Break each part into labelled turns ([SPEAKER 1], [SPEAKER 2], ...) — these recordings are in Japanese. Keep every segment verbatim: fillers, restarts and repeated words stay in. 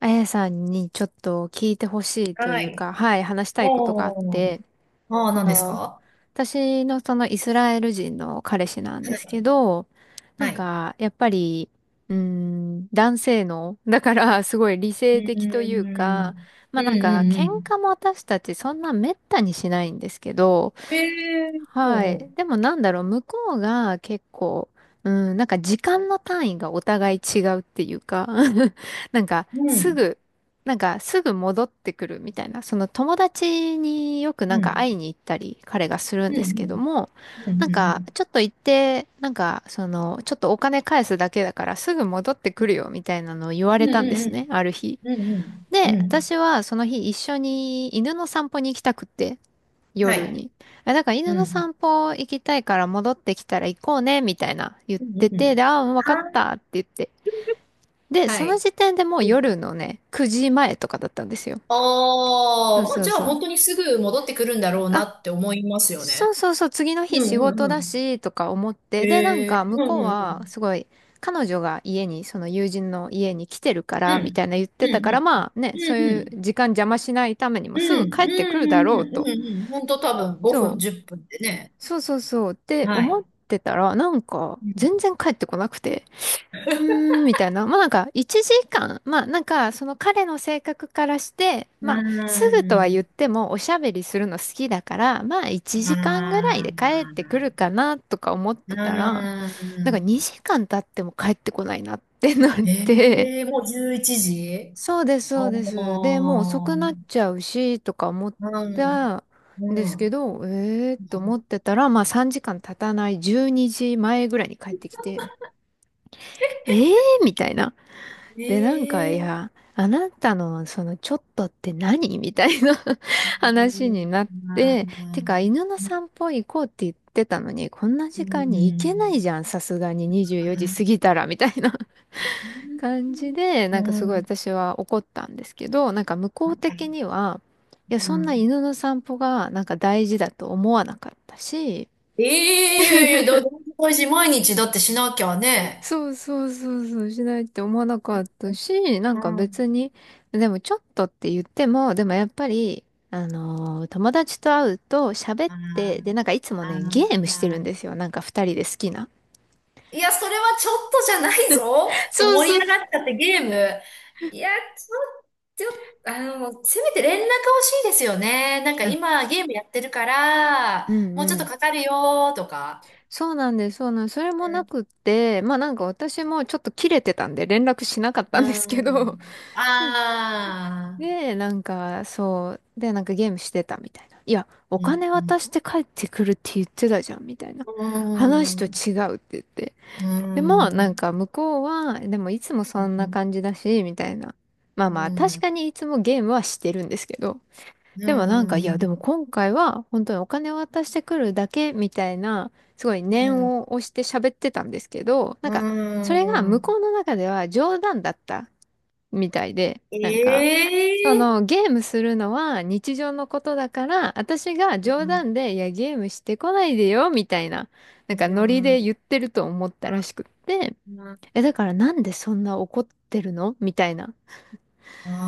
[SPEAKER 1] あやさんにちょっと聞いてほしいと
[SPEAKER 2] は
[SPEAKER 1] いう
[SPEAKER 2] い。
[SPEAKER 1] か、はい、話したいことがあっ
[SPEAKER 2] おー。
[SPEAKER 1] て、
[SPEAKER 2] ああ、何
[SPEAKER 1] あ
[SPEAKER 2] です
[SPEAKER 1] の、
[SPEAKER 2] か？
[SPEAKER 1] 私のそのイスラエル人の彼氏なんですけど、な
[SPEAKER 2] は
[SPEAKER 1] ん
[SPEAKER 2] い。
[SPEAKER 1] か、やっぱり、うーん、男性の、だからすごい理
[SPEAKER 2] う
[SPEAKER 1] 性的と
[SPEAKER 2] ー
[SPEAKER 1] いうか、
[SPEAKER 2] ん。
[SPEAKER 1] まあ
[SPEAKER 2] うん
[SPEAKER 1] なんか、
[SPEAKER 2] うんう
[SPEAKER 1] 喧
[SPEAKER 2] ん。
[SPEAKER 1] 嘩も私たちそんな滅多にしないんですけど、
[SPEAKER 2] ええー、ほう
[SPEAKER 1] はい。
[SPEAKER 2] ほ
[SPEAKER 1] でもなんだろう、向こうが結構、うん、なんか時間の単位がお互い違うっていうか、なんか
[SPEAKER 2] う
[SPEAKER 1] す
[SPEAKER 2] ん。
[SPEAKER 1] ぐ、なんかすぐ戻ってくるみたいな、その友達によくな
[SPEAKER 2] う
[SPEAKER 1] んか
[SPEAKER 2] ん。
[SPEAKER 1] 会いに行ったり彼がする
[SPEAKER 2] う
[SPEAKER 1] ん
[SPEAKER 2] ん
[SPEAKER 1] で
[SPEAKER 2] う
[SPEAKER 1] す
[SPEAKER 2] ん。
[SPEAKER 1] けども、
[SPEAKER 2] う
[SPEAKER 1] な
[SPEAKER 2] ん
[SPEAKER 1] ん
[SPEAKER 2] うんう
[SPEAKER 1] か
[SPEAKER 2] ん。
[SPEAKER 1] ちょっと行って、なんかその、ちょっとお金返すだけだからすぐ戻ってくるよみたいなのを言わ
[SPEAKER 2] う
[SPEAKER 1] れ
[SPEAKER 2] ん
[SPEAKER 1] たんです
[SPEAKER 2] う
[SPEAKER 1] ね、ある日。
[SPEAKER 2] んうん。うん
[SPEAKER 1] で、
[SPEAKER 2] う
[SPEAKER 1] 私はその日一緒に犬の散歩に行きたくって、
[SPEAKER 2] ん。は
[SPEAKER 1] 夜
[SPEAKER 2] い。
[SPEAKER 1] に。あ、だから犬
[SPEAKER 2] う
[SPEAKER 1] の
[SPEAKER 2] ん。
[SPEAKER 1] 散歩行きたいから戻ってきたら行こうね、みたいな言っ
[SPEAKER 2] うんうん
[SPEAKER 1] て
[SPEAKER 2] うん。うんうんう
[SPEAKER 1] て、
[SPEAKER 2] ん
[SPEAKER 1] で、ああ、わかっ
[SPEAKER 2] はいうんうんうんうんは
[SPEAKER 1] た
[SPEAKER 2] い
[SPEAKER 1] って言って。で、
[SPEAKER 2] は
[SPEAKER 1] その
[SPEAKER 2] い。
[SPEAKER 1] 時点でもう夜のね、くじまえとかだったんですよ。
[SPEAKER 2] あ
[SPEAKER 1] そ
[SPEAKER 2] あ、
[SPEAKER 1] う
[SPEAKER 2] まあ
[SPEAKER 1] そう
[SPEAKER 2] じゃあ
[SPEAKER 1] そう。
[SPEAKER 2] 本当にすぐ戻ってくるんだろうな
[SPEAKER 1] あ、
[SPEAKER 2] って思いますよ
[SPEAKER 1] そう
[SPEAKER 2] ね。
[SPEAKER 1] そうそう、次の
[SPEAKER 2] う
[SPEAKER 1] 日
[SPEAKER 2] ん
[SPEAKER 1] 仕
[SPEAKER 2] うん
[SPEAKER 1] 事
[SPEAKER 2] う
[SPEAKER 1] だ
[SPEAKER 2] ん。
[SPEAKER 1] し、とか思って。で、なん
[SPEAKER 2] ええ
[SPEAKER 1] か
[SPEAKER 2] ー
[SPEAKER 1] 向
[SPEAKER 2] うん
[SPEAKER 1] こう
[SPEAKER 2] う
[SPEAKER 1] は、
[SPEAKER 2] ん
[SPEAKER 1] すごい、彼女が家に、その友人の家に来てるか
[SPEAKER 2] う
[SPEAKER 1] ら、み
[SPEAKER 2] ん。
[SPEAKER 1] たいな言っ
[SPEAKER 2] うん。
[SPEAKER 1] てた
[SPEAKER 2] うん
[SPEAKER 1] か
[SPEAKER 2] う
[SPEAKER 1] ら、
[SPEAKER 2] ん。
[SPEAKER 1] まあね、そ
[SPEAKER 2] う
[SPEAKER 1] う
[SPEAKER 2] ん
[SPEAKER 1] い
[SPEAKER 2] う
[SPEAKER 1] う
[SPEAKER 2] ん。
[SPEAKER 1] 時間邪魔しないためにも
[SPEAKER 2] We now
[SPEAKER 1] すぐ
[SPEAKER 2] at
[SPEAKER 1] 帰ってくるだろうと。
[SPEAKER 2] ファイブ snaps. Well
[SPEAKER 1] そ
[SPEAKER 2] it's
[SPEAKER 1] う
[SPEAKER 2] lifestyles? Just like it in
[SPEAKER 1] そうそうそうって思ってたら、なんか全然帰ってこなくて、うーん、みたいな。まあなんかいちじかん、まあなんかその彼の性格からして、まあす
[SPEAKER 2] イレブン
[SPEAKER 1] ぐとは
[SPEAKER 2] days,
[SPEAKER 1] 言ってもおしゃべりするの好きだから、まあいちじかんぐらいで帰ってくるかなとか思ってたら、なんかにじかん経っても帰ってこないなってなって、
[SPEAKER 2] the rest
[SPEAKER 1] そうです、
[SPEAKER 2] of
[SPEAKER 1] そうです。で、もう遅くなっちゃうし、とか思ったんですけど、えーと思ってたら、まあさんじかん経たないじゅうにじまえぐらいに帰ってきて、えーみたいな。
[SPEAKER 2] the
[SPEAKER 1] で、なんか、い
[SPEAKER 2] day.
[SPEAKER 1] や、あなたのそのちょっとって何 みたいな 話になって、てか、犬の散歩行こうって言ってたのに、こんな時間に行けないじゃん、さすがににじゅうよじ過ぎたら、みたいな感じで、なんかすごい私は怒ったんですけど、なんか向こう的には、いや、そんな犬の散歩がなんか大事だと思わなかったし、
[SPEAKER 2] ええ、いやいやいや、だ、大事、毎日だってしなきゃね。
[SPEAKER 1] そうそうそうそう、しないって思わなかったし、な
[SPEAKER 2] う
[SPEAKER 1] んか
[SPEAKER 2] ん。
[SPEAKER 1] 別に、でもちょっとって言っても、でもやっぱり、あのー友達と会うと喋っ
[SPEAKER 2] あ
[SPEAKER 1] て、で、
[SPEAKER 2] ー
[SPEAKER 1] なんかいつも
[SPEAKER 2] あ
[SPEAKER 1] ね、ゲームしてるん
[SPEAKER 2] ー、
[SPEAKER 1] ですよ。なんか二人で好きな。
[SPEAKER 2] いや、それはちょっとじゃないぞ。いや、
[SPEAKER 1] そう
[SPEAKER 2] 盛り
[SPEAKER 1] そう。
[SPEAKER 2] 上がっちゃってゲーム。いや、ちょっと、あの、せめて連絡欲しいですよね。なんか
[SPEAKER 1] うん
[SPEAKER 2] 今ゲームやってるから、
[SPEAKER 1] う
[SPEAKER 2] もう
[SPEAKER 1] んう
[SPEAKER 2] ちょっ
[SPEAKER 1] ん。
[SPEAKER 2] とかかるよとか。
[SPEAKER 1] そうなんです、そうなんです。それも
[SPEAKER 2] う
[SPEAKER 1] な
[SPEAKER 2] ん。
[SPEAKER 1] くって、まあなんか私もちょっと切れてたんで連絡しなかっ
[SPEAKER 2] う
[SPEAKER 1] たんですけど、
[SPEAKER 2] ん ああ、
[SPEAKER 1] で、なんかそう、で、なんかゲームしてたみたいな。いや、お
[SPEAKER 2] うん、
[SPEAKER 1] 金
[SPEAKER 2] うん、
[SPEAKER 1] 渡して帰ってくるって言ってたじゃん、みたいな。
[SPEAKER 2] う
[SPEAKER 1] 話と
[SPEAKER 2] ん、
[SPEAKER 1] 違うって言って。
[SPEAKER 2] う
[SPEAKER 1] でも、なん
[SPEAKER 2] ん。
[SPEAKER 1] か向こうは、でもいつもそんな感じだし、みたいな。まあ
[SPEAKER 2] う
[SPEAKER 1] まあ、確
[SPEAKER 2] ん
[SPEAKER 1] かにいつもゲームはしてるんですけど、
[SPEAKER 2] う
[SPEAKER 1] でもなんか、い
[SPEAKER 2] んう
[SPEAKER 1] や、でも
[SPEAKER 2] ん
[SPEAKER 1] 今回は本当にお金を渡してくるだけみたいな、すごい念
[SPEAKER 2] うん
[SPEAKER 1] を押して喋ってたんですけど、なん
[SPEAKER 2] う
[SPEAKER 1] か、そ
[SPEAKER 2] ん
[SPEAKER 1] れが
[SPEAKER 2] う
[SPEAKER 1] 向こ
[SPEAKER 2] ん
[SPEAKER 1] うの中では冗談だったみたいで、なんか、その
[SPEAKER 2] ええ
[SPEAKER 1] ゲームするのは日常のことだから、私が冗
[SPEAKER 2] うん
[SPEAKER 1] 談で、いや、ゲームしてこないでよ、みたいな、な
[SPEAKER 2] う
[SPEAKER 1] んかノリ
[SPEAKER 2] ん
[SPEAKER 1] で言ってると思ったら
[SPEAKER 2] あ
[SPEAKER 1] しくって、え、だからなんでそんな怒ってるのみたいな。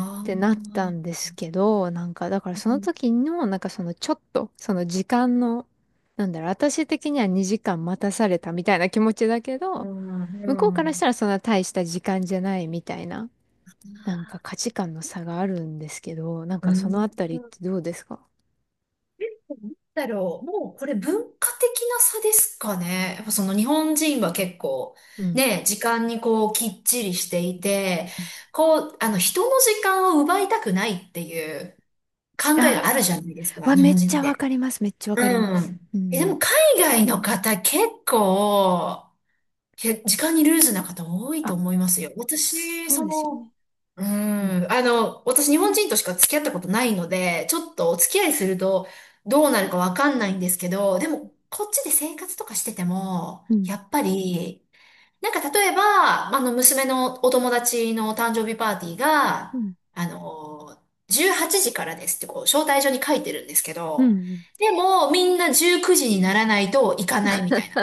[SPEAKER 1] っ
[SPEAKER 2] う
[SPEAKER 1] てなった
[SPEAKER 2] ん
[SPEAKER 1] んですけど、なんか、だからその
[SPEAKER 2] う
[SPEAKER 1] 時の、なんかそのちょっと、その時間の、なんだろう、私的にはにじかん待たされたみたいな気持ちだけ
[SPEAKER 2] ん
[SPEAKER 1] ど、
[SPEAKER 2] う
[SPEAKER 1] 向こうからし
[SPEAKER 2] ん、
[SPEAKER 1] たらそんな大した時間じゃないみたいな、なんか価値観の差があるんですけど、なん
[SPEAKER 2] な
[SPEAKER 1] かその
[SPEAKER 2] ん
[SPEAKER 1] あたりってどうですか？
[SPEAKER 2] だろう、もうこれ文化的な差ですかね。やっぱその日本人は結構
[SPEAKER 1] うん。
[SPEAKER 2] ね、時間にこうきっちりしていて、こう、あの人の時間を奪いたくないっていう考えがあるじ
[SPEAKER 1] あ
[SPEAKER 2] ゃないです
[SPEAKER 1] あ、
[SPEAKER 2] か、
[SPEAKER 1] わ、
[SPEAKER 2] 日
[SPEAKER 1] め
[SPEAKER 2] 本
[SPEAKER 1] っち
[SPEAKER 2] 人っ
[SPEAKER 1] ゃわ
[SPEAKER 2] て。
[SPEAKER 1] かります。めっちゃわかりま
[SPEAKER 2] う
[SPEAKER 1] す。
[SPEAKER 2] ん。
[SPEAKER 1] う
[SPEAKER 2] え、で
[SPEAKER 1] ん。
[SPEAKER 2] も海外の方結構、け時間にルーズな方多いと
[SPEAKER 1] あ、
[SPEAKER 2] 思いますよ。私、
[SPEAKER 1] そう
[SPEAKER 2] そ
[SPEAKER 1] ですよ
[SPEAKER 2] の、
[SPEAKER 1] ね。
[SPEAKER 2] う
[SPEAKER 1] うん。
[SPEAKER 2] ん、あの、私日本人としか付き合ったことないので、ちょっとお付き合いするとどうなるかわかんないんですけど、でもこっちで生活とかしてても、
[SPEAKER 1] うん。
[SPEAKER 2] やっぱりなんか例えば、あの、娘のお友達の誕生日パーティー
[SPEAKER 1] う
[SPEAKER 2] が、
[SPEAKER 1] ん。
[SPEAKER 2] あの、じゅうはちじからですってこう、招待状に書いてるんですけ
[SPEAKER 1] う
[SPEAKER 2] ど、
[SPEAKER 1] ん。
[SPEAKER 2] でも、みんなじゅうくじにならないと行かないみたいな。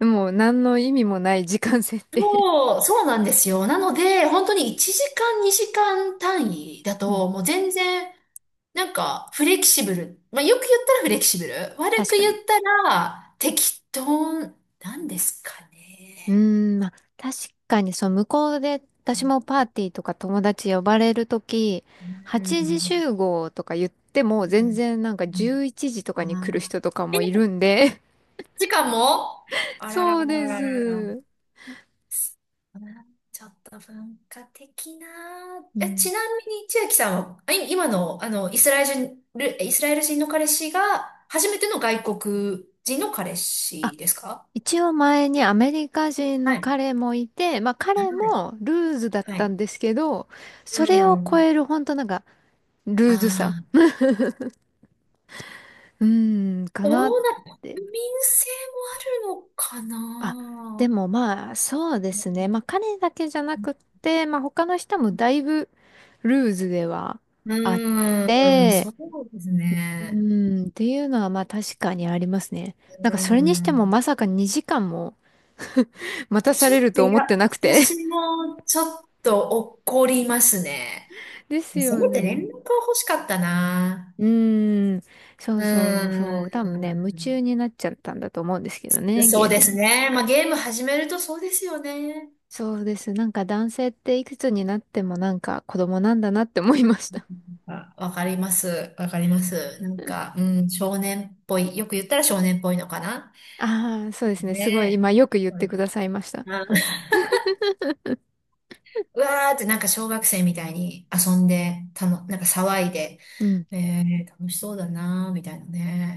[SPEAKER 1] もう何の意味もない時間設定。
[SPEAKER 2] そう、そうなんですよ。なので、本当にいちじかん、にじかん単位だと、もう全然、なんか、フレキシブル。まあ、よく言ったらフレキシブル。悪く
[SPEAKER 1] 確か
[SPEAKER 2] 言
[SPEAKER 1] に。
[SPEAKER 2] ったら、適当なんですか
[SPEAKER 1] うー
[SPEAKER 2] ね。
[SPEAKER 1] ん、まあ、確かに、そう、向こうで、私もパーティーとか友達呼ばれるとき、
[SPEAKER 2] う
[SPEAKER 1] はちじ
[SPEAKER 2] ん。
[SPEAKER 1] 集合とか言っても、
[SPEAKER 2] うん。
[SPEAKER 1] 全然なんか11
[SPEAKER 2] う
[SPEAKER 1] 時とか
[SPEAKER 2] ん
[SPEAKER 1] に来る
[SPEAKER 2] あ
[SPEAKER 1] 人とか
[SPEAKER 2] ー
[SPEAKER 1] もい
[SPEAKER 2] え、
[SPEAKER 1] るんで。
[SPEAKER 2] 時間も あらら
[SPEAKER 1] そ
[SPEAKER 2] ら
[SPEAKER 1] う
[SPEAKER 2] ら
[SPEAKER 1] で
[SPEAKER 2] ららら。
[SPEAKER 1] す。
[SPEAKER 2] あー、ちょっと文化的な。
[SPEAKER 1] う
[SPEAKER 2] え、
[SPEAKER 1] ん。
[SPEAKER 2] ちなみに千秋さんは、あい今の、あの、イスラエル人、イスラエル人の彼氏が、初めての外国人の彼
[SPEAKER 1] あ、
[SPEAKER 2] 氏ですか？
[SPEAKER 1] 一応前にアメリカ人
[SPEAKER 2] は
[SPEAKER 1] の
[SPEAKER 2] い。
[SPEAKER 1] 彼もいて、まあ彼
[SPEAKER 2] はい。
[SPEAKER 1] もルーズだっ
[SPEAKER 2] は
[SPEAKER 1] た
[SPEAKER 2] い。
[SPEAKER 1] んですけど、そ
[SPEAKER 2] う
[SPEAKER 1] れを超
[SPEAKER 2] ん。
[SPEAKER 1] える本当なんか、ルーズさ。
[SPEAKER 2] あ
[SPEAKER 1] うーん、か
[SPEAKER 2] あ、
[SPEAKER 1] な
[SPEAKER 2] ど
[SPEAKER 1] っ
[SPEAKER 2] うな、
[SPEAKER 1] て。
[SPEAKER 2] 国民性もあるのか
[SPEAKER 1] あ、で
[SPEAKER 2] な。
[SPEAKER 1] もまあ、そうですね。まあ、彼だけじゃなくって、まあ、他の人もだいぶルーズでは
[SPEAKER 2] う
[SPEAKER 1] あっ
[SPEAKER 2] ん、うんそ
[SPEAKER 1] て、
[SPEAKER 2] うです
[SPEAKER 1] う
[SPEAKER 2] ね。
[SPEAKER 1] ん、っていうのはまあ確かにありますね。なんか
[SPEAKER 2] う
[SPEAKER 1] それにしても
[SPEAKER 2] ん。
[SPEAKER 1] まさかにじかんも 待
[SPEAKER 2] え、
[SPEAKER 1] たさ
[SPEAKER 2] ちょっ
[SPEAKER 1] れる
[SPEAKER 2] と、
[SPEAKER 1] と
[SPEAKER 2] い
[SPEAKER 1] 思
[SPEAKER 2] や、
[SPEAKER 1] ってなくて。
[SPEAKER 2] 私もちょっと怒りますね。
[SPEAKER 1] です
[SPEAKER 2] せ
[SPEAKER 1] よ
[SPEAKER 2] めて連
[SPEAKER 1] ね。
[SPEAKER 2] 絡は欲しかったな。
[SPEAKER 1] うーん、そ
[SPEAKER 2] う
[SPEAKER 1] う
[SPEAKER 2] ー
[SPEAKER 1] そうそう。多分ね、夢中
[SPEAKER 2] ん。
[SPEAKER 1] になっちゃったんだと思うんですけどね、
[SPEAKER 2] そ
[SPEAKER 1] ゲ
[SPEAKER 2] う
[SPEAKER 1] ー
[SPEAKER 2] で
[SPEAKER 1] ム
[SPEAKER 2] す
[SPEAKER 1] に。
[SPEAKER 2] ね。まあ、ゲーム始めるとそうですよね。
[SPEAKER 1] そうです。なんか男性っていくつになってもなんか子供なんだなって思いました。
[SPEAKER 2] あ、わかります。わかります。なんか、うん、少年っぽい。よく言ったら少年っぽいのかな。
[SPEAKER 1] ああ、そうですね。すごい、
[SPEAKER 2] ね
[SPEAKER 1] 今よく言っ
[SPEAKER 2] そう
[SPEAKER 1] て
[SPEAKER 2] です
[SPEAKER 1] くださいました。
[SPEAKER 2] あうわーってなんか小学生みたいに遊んで、たの、なんか騒いで、
[SPEAKER 1] うん。
[SPEAKER 2] えー、楽しそうだなーみたいな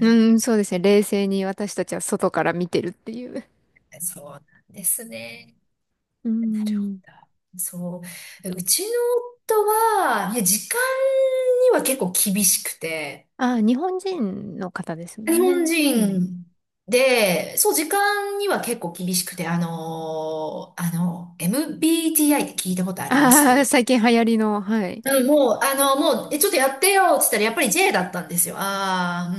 [SPEAKER 1] うん、そうですね。冷静に私たちは外から見てるっていう。
[SPEAKER 2] そうなんですね。
[SPEAKER 1] う
[SPEAKER 2] なるほ
[SPEAKER 1] ん。
[SPEAKER 2] ど。そう。うちの夫は、いや、時間には結構厳しくて、
[SPEAKER 1] ああ、日本人の方ですも
[SPEAKER 2] 日
[SPEAKER 1] んね。
[SPEAKER 2] 本
[SPEAKER 1] うん。
[SPEAKER 2] 人で、そう、時間には結構厳しくて、あのーあの、エムビーティーアイ って聞いたことありま
[SPEAKER 1] ああ、
[SPEAKER 2] す？
[SPEAKER 1] 最近流行りの、はい。
[SPEAKER 2] うん、もう、あの、もう、え、ちょっとやってよ、つったら、やっぱり J だったんですよ。ああ、う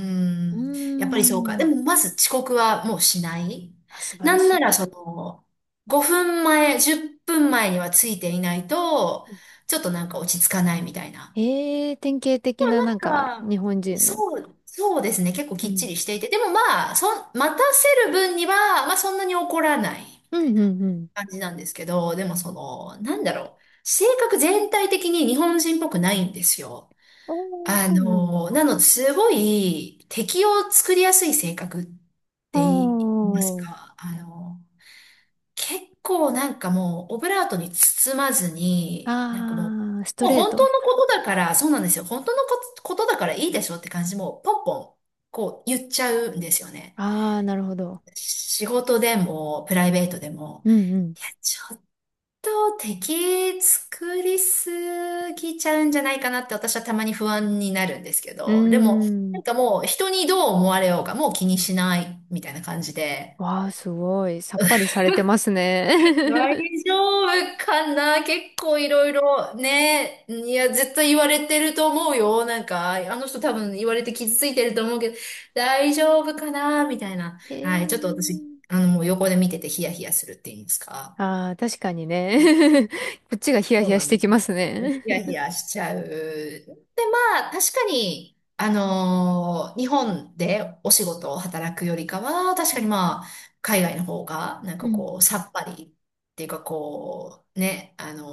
[SPEAKER 1] う
[SPEAKER 2] ん。やっぱりそうか。で
[SPEAKER 1] ん。
[SPEAKER 2] も、まず遅刻はもうしない。
[SPEAKER 1] あ、素晴
[SPEAKER 2] な
[SPEAKER 1] ら
[SPEAKER 2] ん
[SPEAKER 1] し
[SPEAKER 2] なら、
[SPEAKER 1] い。
[SPEAKER 2] その、ごふんまえ、じゅっぷんまえにはついていないと、ちょっとなんか落ち着かないみたいな。
[SPEAKER 1] ええ、典型的ななんか
[SPEAKER 2] なんか、
[SPEAKER 1] 日本人の。
[SPEAKER 2] そう、そうですね。結構
[SPEAKER 1] う
[SPEAKER 2] きっち
[SPEAKER 1] ん。
[SPEAKER 2] りしていて。でもまあ、そん、待たせる分には、まあそんなに怒らないみ
[SPEAKER 1] う
[SPEAKER 2] たい
[SPEAKER 1] んう
[SPEAKER 2] な
[SPEAKER 1] んうん。
[SPEAKER 2] 感じなんですけど、でもその、なんだろう。性格全体的に日本人っぽくないんですよ。
[SPEAKER 1] おー、
[SPEAKER 2] あ
[SPEAKER 1] そうなんだ。
[SPEAKER 2] のー、なので、すごい敵を作りやすい性格って言います
[SPEAKER 1] おー。
[SPEAKER 2] か、あのー、結構なんかもう、オブラートに包まずに、なんかも
[SPEAKER 1] ああ、ス
[SPEAKER 2] う、
[SPEAKER 1] ト
[SPEAKER 2] もう
[SPEAKER 1] レー
[SPEAKER 2] 本
[SPEAKER 1] ト。
[SPEAKER 2] 当のことだから、そうなんですよ。本当のことことだからいいでしょって感じ、もうポンポン、こう言っちゃうんですよね。
[SPEAKER 1] ああ、なるほど。
[SPEAKER 2] 仕事でも、プライベートでも、
[SPEAKER 1] うんうん。
[SPEAKER 2] いや、ちと敵作りすぎちゃうんじゃないかなって私はたまに不安になるんですけ
[SPEAKER 1] うー
[SPEAKER 2] ど、でも、な
[SPEAKER 1] ん。
[SPEAKER 2] んかもう人にどう思われようがもう気にしないみたいな感じで、
[SPEAKER 1] わあ、すごい。さっぱりされてますね。
[SPEAKER 2] 大 丈夫かな、結構いろいろね、いや、絶対言われてると思うよ。なんか、あの人多分言われて傷ついてると思うけど、大丈夫かなみたいな。
[SPEAKER 1] へ
[SPEAKER 2] はい、ちょっと私、
[SPEAKER 1] え。
[SPEAKER 2] あの、もう横で見ててヒヤヒヤするっていうんですか。
[SPEAKER 1] ああ、確かにね。こっちがヒヤ
[SPEAKER 2] そ
[SPEAKER 1] ヒ
[SPEAKER 2] う
[SPEAKER 1] ヤ
[SPEAKER 2] な
[SPEAKER 1] し
[SPEAKER 2] んで
[SPEAKER 1] て
[SPEAKER 2] す
[SPEAKER 1] きます
[SPEAKER 2] ね。
[SPEAKER 1] ね。
[SPEAKER 2] ヒヤヒ ヤしちゃう。で、まあ、確かに、あのー日本でお仕事を働くよりかは、確
[SPEAKER 1] う
[SPEAKER 2] かに
[SPEAKER 1] ん
[SPEAKER 2] まあ、海外の方が、なん
[SPEAKER 1] う
[SPEAKER 2] か
[SPEAKER 1] ん、
[SPEAKER 2] こう、さっぱりっていうか、こう、ね、あの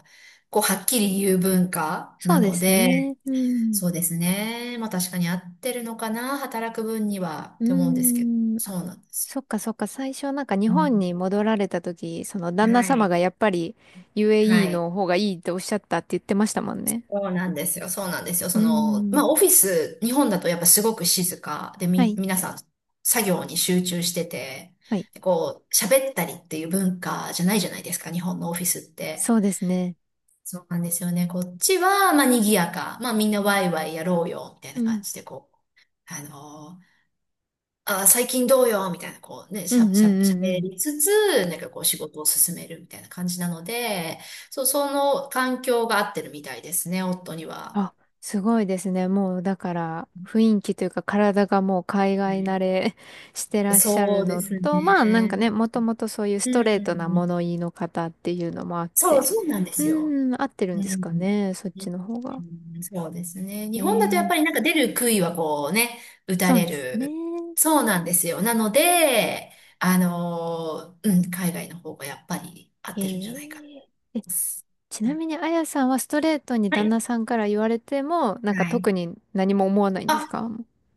[SPEAKER 2] ーこう、はっきり言う文化
[SPEAKER 1] そ
[SPEAKER 2] な
[SPEAKER 1] うで
[SPEAKER 2] の
[SPEAKER 1] す
[SPEAKER 2] で、
[SPEAKER 1] ね。うん。
[SPEAKER 2] そうですね。まあ、確かに合ってるのかな、働く分には、っ
[SPEAKER 1] う
[SPEAKER 2] て思うんですけど、
[SPEAKER 1] ーん。あ、
[SPEAKER 2] そうなんです。
[SPEAKER 1] そっかそっか。最初なんか日
[SPEAKER 2] う
[SPEAKER 1] 本に
[SPEAKER 2] ん
[SPEAKER 1] 戻られた時、その旦那
[SPEAKER 2] は
[SPEAKER 1] 様
[SPEAKER 2] い。
[SPEAKER 1] がやっぱり
[SPEAKER 2] は
[SPEAKER 1] ユーエーイー
[SPEAKER 2] い。
[SPEAKER 1] の方がいいっておっしゃったって言ってましたもんね。
[SPEAKER 2] そうなんですよ。そうなんですよ。
[SPEAKER 1] うー
[SPEAKER 2] その、まあ、
[SPEAKER 1] ん。
[SPEAKER 2] オフィス、日本だとやっぱすごく静かで、
[SPEAKER 1] は
[SPEAKER 2] み、
[SPEAKER 1] い。
[SPEAKER 2] 皆さん作業に集中してて、
[SPEAKER 1] はい。
[SPEAKER 2] こう、喋ったりっていう文化じゃないじゃないですか、日本のオフィスって。
[SPEAKER 1] そうですね。
[SPEAKER 2] そうなんですよね。こっちは、まあ、賑やか。まあ、みんなワイワイやろうよ、みたい
[SPEAKER 1] う
[SPEAKER 2] な
[SPEAKER 1] ん。
[SPEAKER 2] 感じで、こう、あのーあー、最近どうよ、みたいな、こうね、
[SPEAKER 1] う
[SPEAKER 2] し
[SPEAKER 1] ん
[SPEAKER 2] ゃ、
[SPEAKER 1] うん
[SPEAKER 2] しゃ、
[SPEAKER 1] うんう
[SPEAKER 2] 喋
[SPEAKER 1] ん。
[SPEAKER 2] りつつ、なんかこう、仕事を進めるみたいな感じなので、そう、その環境が合ってるみたいですね、夫には。
[SPEAKER 1] あ、すごいですね。もうだから雰囲気というか体がもう海
[SPEAKER 2] は
[SPEAKER 1] 外慣
[SPEAKER 2] い
[SPEAKER 1] れ してらっしゃ
[SPEAKER 2] そ
[SPEAKER 1] る
[SPEAKER 2] うで
[SPEAKER 1] の
[SPEAKER 2] す
[SPEAKER 1] と、まあなん
[SPEAKER 2] ね。
[SPEAKER 1] かね、もともとそういうス
[SPEAKER 2] う
[SPEAKER 1] トレートな
[SPEAKER 2] ん。
[SPEAKER 1] 物言いの方っていうのもあっ
[SPEAKER 2] そう、
[SPEAKER 1] て、
[SPEAKER 2] そうなんで
[SPEAKER 1] う
[SPEAKER 2] すよ。
[SPEAKER 1] ーん、合ってるん
[SPEAKER 2] う
[SPEAKER 1] で
[SPEAKER 2] ん。う
[SPEAKER 1] すか
[SPEAKER 2] ん
[SPEAKER 1] ね、そっちの方が。
[SPEAKER 2] そうですね。
[SPEAKER 1] え
[SPEAKER 2] 日本だとやっ
[SPEAKER 1] ー、
[SPEAKER 2] ぱりなんか出る杭はこうね、打た
[SPEAKER 1] そう
[SPEAKER 2] れ
[SPEAKER 1] ですね。
[SPEAKER 2] る。そうなんですよ。なので、あのー、うん、海外の方がやっぱり合っ
[SPEAKER 1] え
[SPEAKER 2] てるんじゃないか
[SPEAKER 1] ー、え、ち
[SPEAKER 2] な。
[SPEAKER 1] な
[SPEAKER 2] はい。
[SPEAKER 1] みにあやさんはストレートに
[SPEAKER 2] は
[SPEAKER 1] 旦
[SPEAKER 2] い。
[SPEAKER 1] 那さんから言われても、なんか
[SPEAKER 2] はい
[SPEAKER 1] 特に何も思わないんで
[SPEAKER 2] あ、
[SPEAKER 1] すか？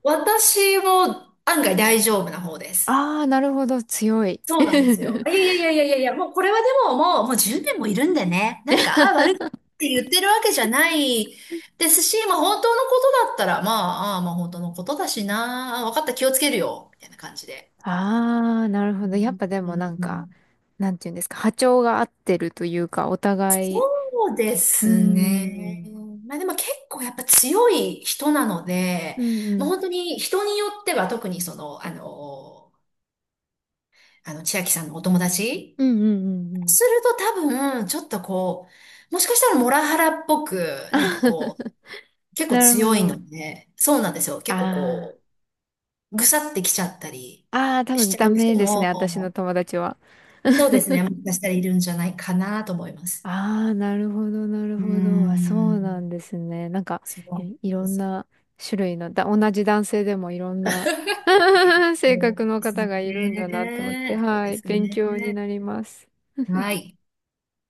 [SPEAKER 2] 私も案外大丈夫な方です。
[SPEAKER 1] ああー、なるほど、強い。
[SPEAKER 2] そうなんですよ。いやいやいやいやいやいや、もうこれはでももう、もうじゅうねんもいるんでね。なんか、あ、悪くって言ってるわけじゃないですし、まあ本当のことだったら、まあ、ああまあ本当のことだしな、あ分かった、気をつけるよ、みたいな感じで。
[SPEAKER 1] ああ、なるほ
[SPEAKER 2] う
[SPEAKER 1] ど。やっ
[SPEAKER 2] ん
[SPEAKER 1] ぱでもなん
[SPEAKER 2] う
[SPEAKER 1] か、
[SPEAKER 2] ん
[SPEAKER 1] なんていうんですか、波長が合ってるというか、お互い、
[SPEAKER 2] そうで
[SPEAKER 1] うー
[SPEAKER 2] すね。
[SPEAKER 1] ん、
[SPEAKER 2] まあでも結構やっぱ強い人なので、
[SPEAKER 1] うんう
[SPEAKER 2] まあ
[SPEAKER 1] ん、
[SPEAKER 2] 本当に人によっては特にその、あの、あの、千秋さんのお友達
[SPEAKER 1] うんうんうんうん。
[SPEAKER 2] すると多分、ちょっとこう、もしかしたらモラハラっぽく、なんかこ う、結構
[SPEAKER 1] なるほ
[SPEAKER 2] 強い
[SPEAKER 1] ど。
[SPEAKER 2] ので、そうなんですよ。結構
[SPEAKER 1] あ
[SPEAKER 2] こう、ぐさってきちゃったり
[SPEAKER 1] あ、ああ、多
[SPEAKER 2] し
[SPEAKER 1] 分
[SPEAKER 2] ちゃ
[SPEAKER 1] ダ
[SPEAKER 2] う
[SPEAKER 1] メ
[SPEAKER 2] 人
[SPEAKER 1] ですね、私の
[SPEAKER 2] も、
[SPEAKER 1] 友達は。
[SPEAKER 2] そうです ね。もしかしたらいるんじゃないかなと思います。
[SPEAKER 1] ああ、なるほど、なる
[SPEAKER 2] うー
[SPEAKER 1] ほど。あ、そうな
[SPEAKER 2] ん。
[SPEAKER 1] んですね。なんか、
[SPEAKER 2] そうなん
[SPEAKER 1] い、い
[SPEAKER 2] で
[SPEAKER 1] ろん
[SPEAKER 2] すよ。
[SPEAKER 1] な種類の、だ、同じ男性でもいろんな 性
[SPEAKER 2] そ
[SPEAKER 1] 格
[SPEAKER 2] う
[SPEAKER 1] の
[SPEAKER 2] です
[SPEAKER 1] 方がいるんだなって思って、
[SPEAKER 2] ね。そう
[SPEAKER 1] は
[SPEAKER 2] で
[SPEAKER 1] い、
[SPEAKER 2] す
[SPEAKER 1] 勉強に
[SPEAKER 2] ね。
[SPEAKER 1] なります。
[SPEAKER 2] はい。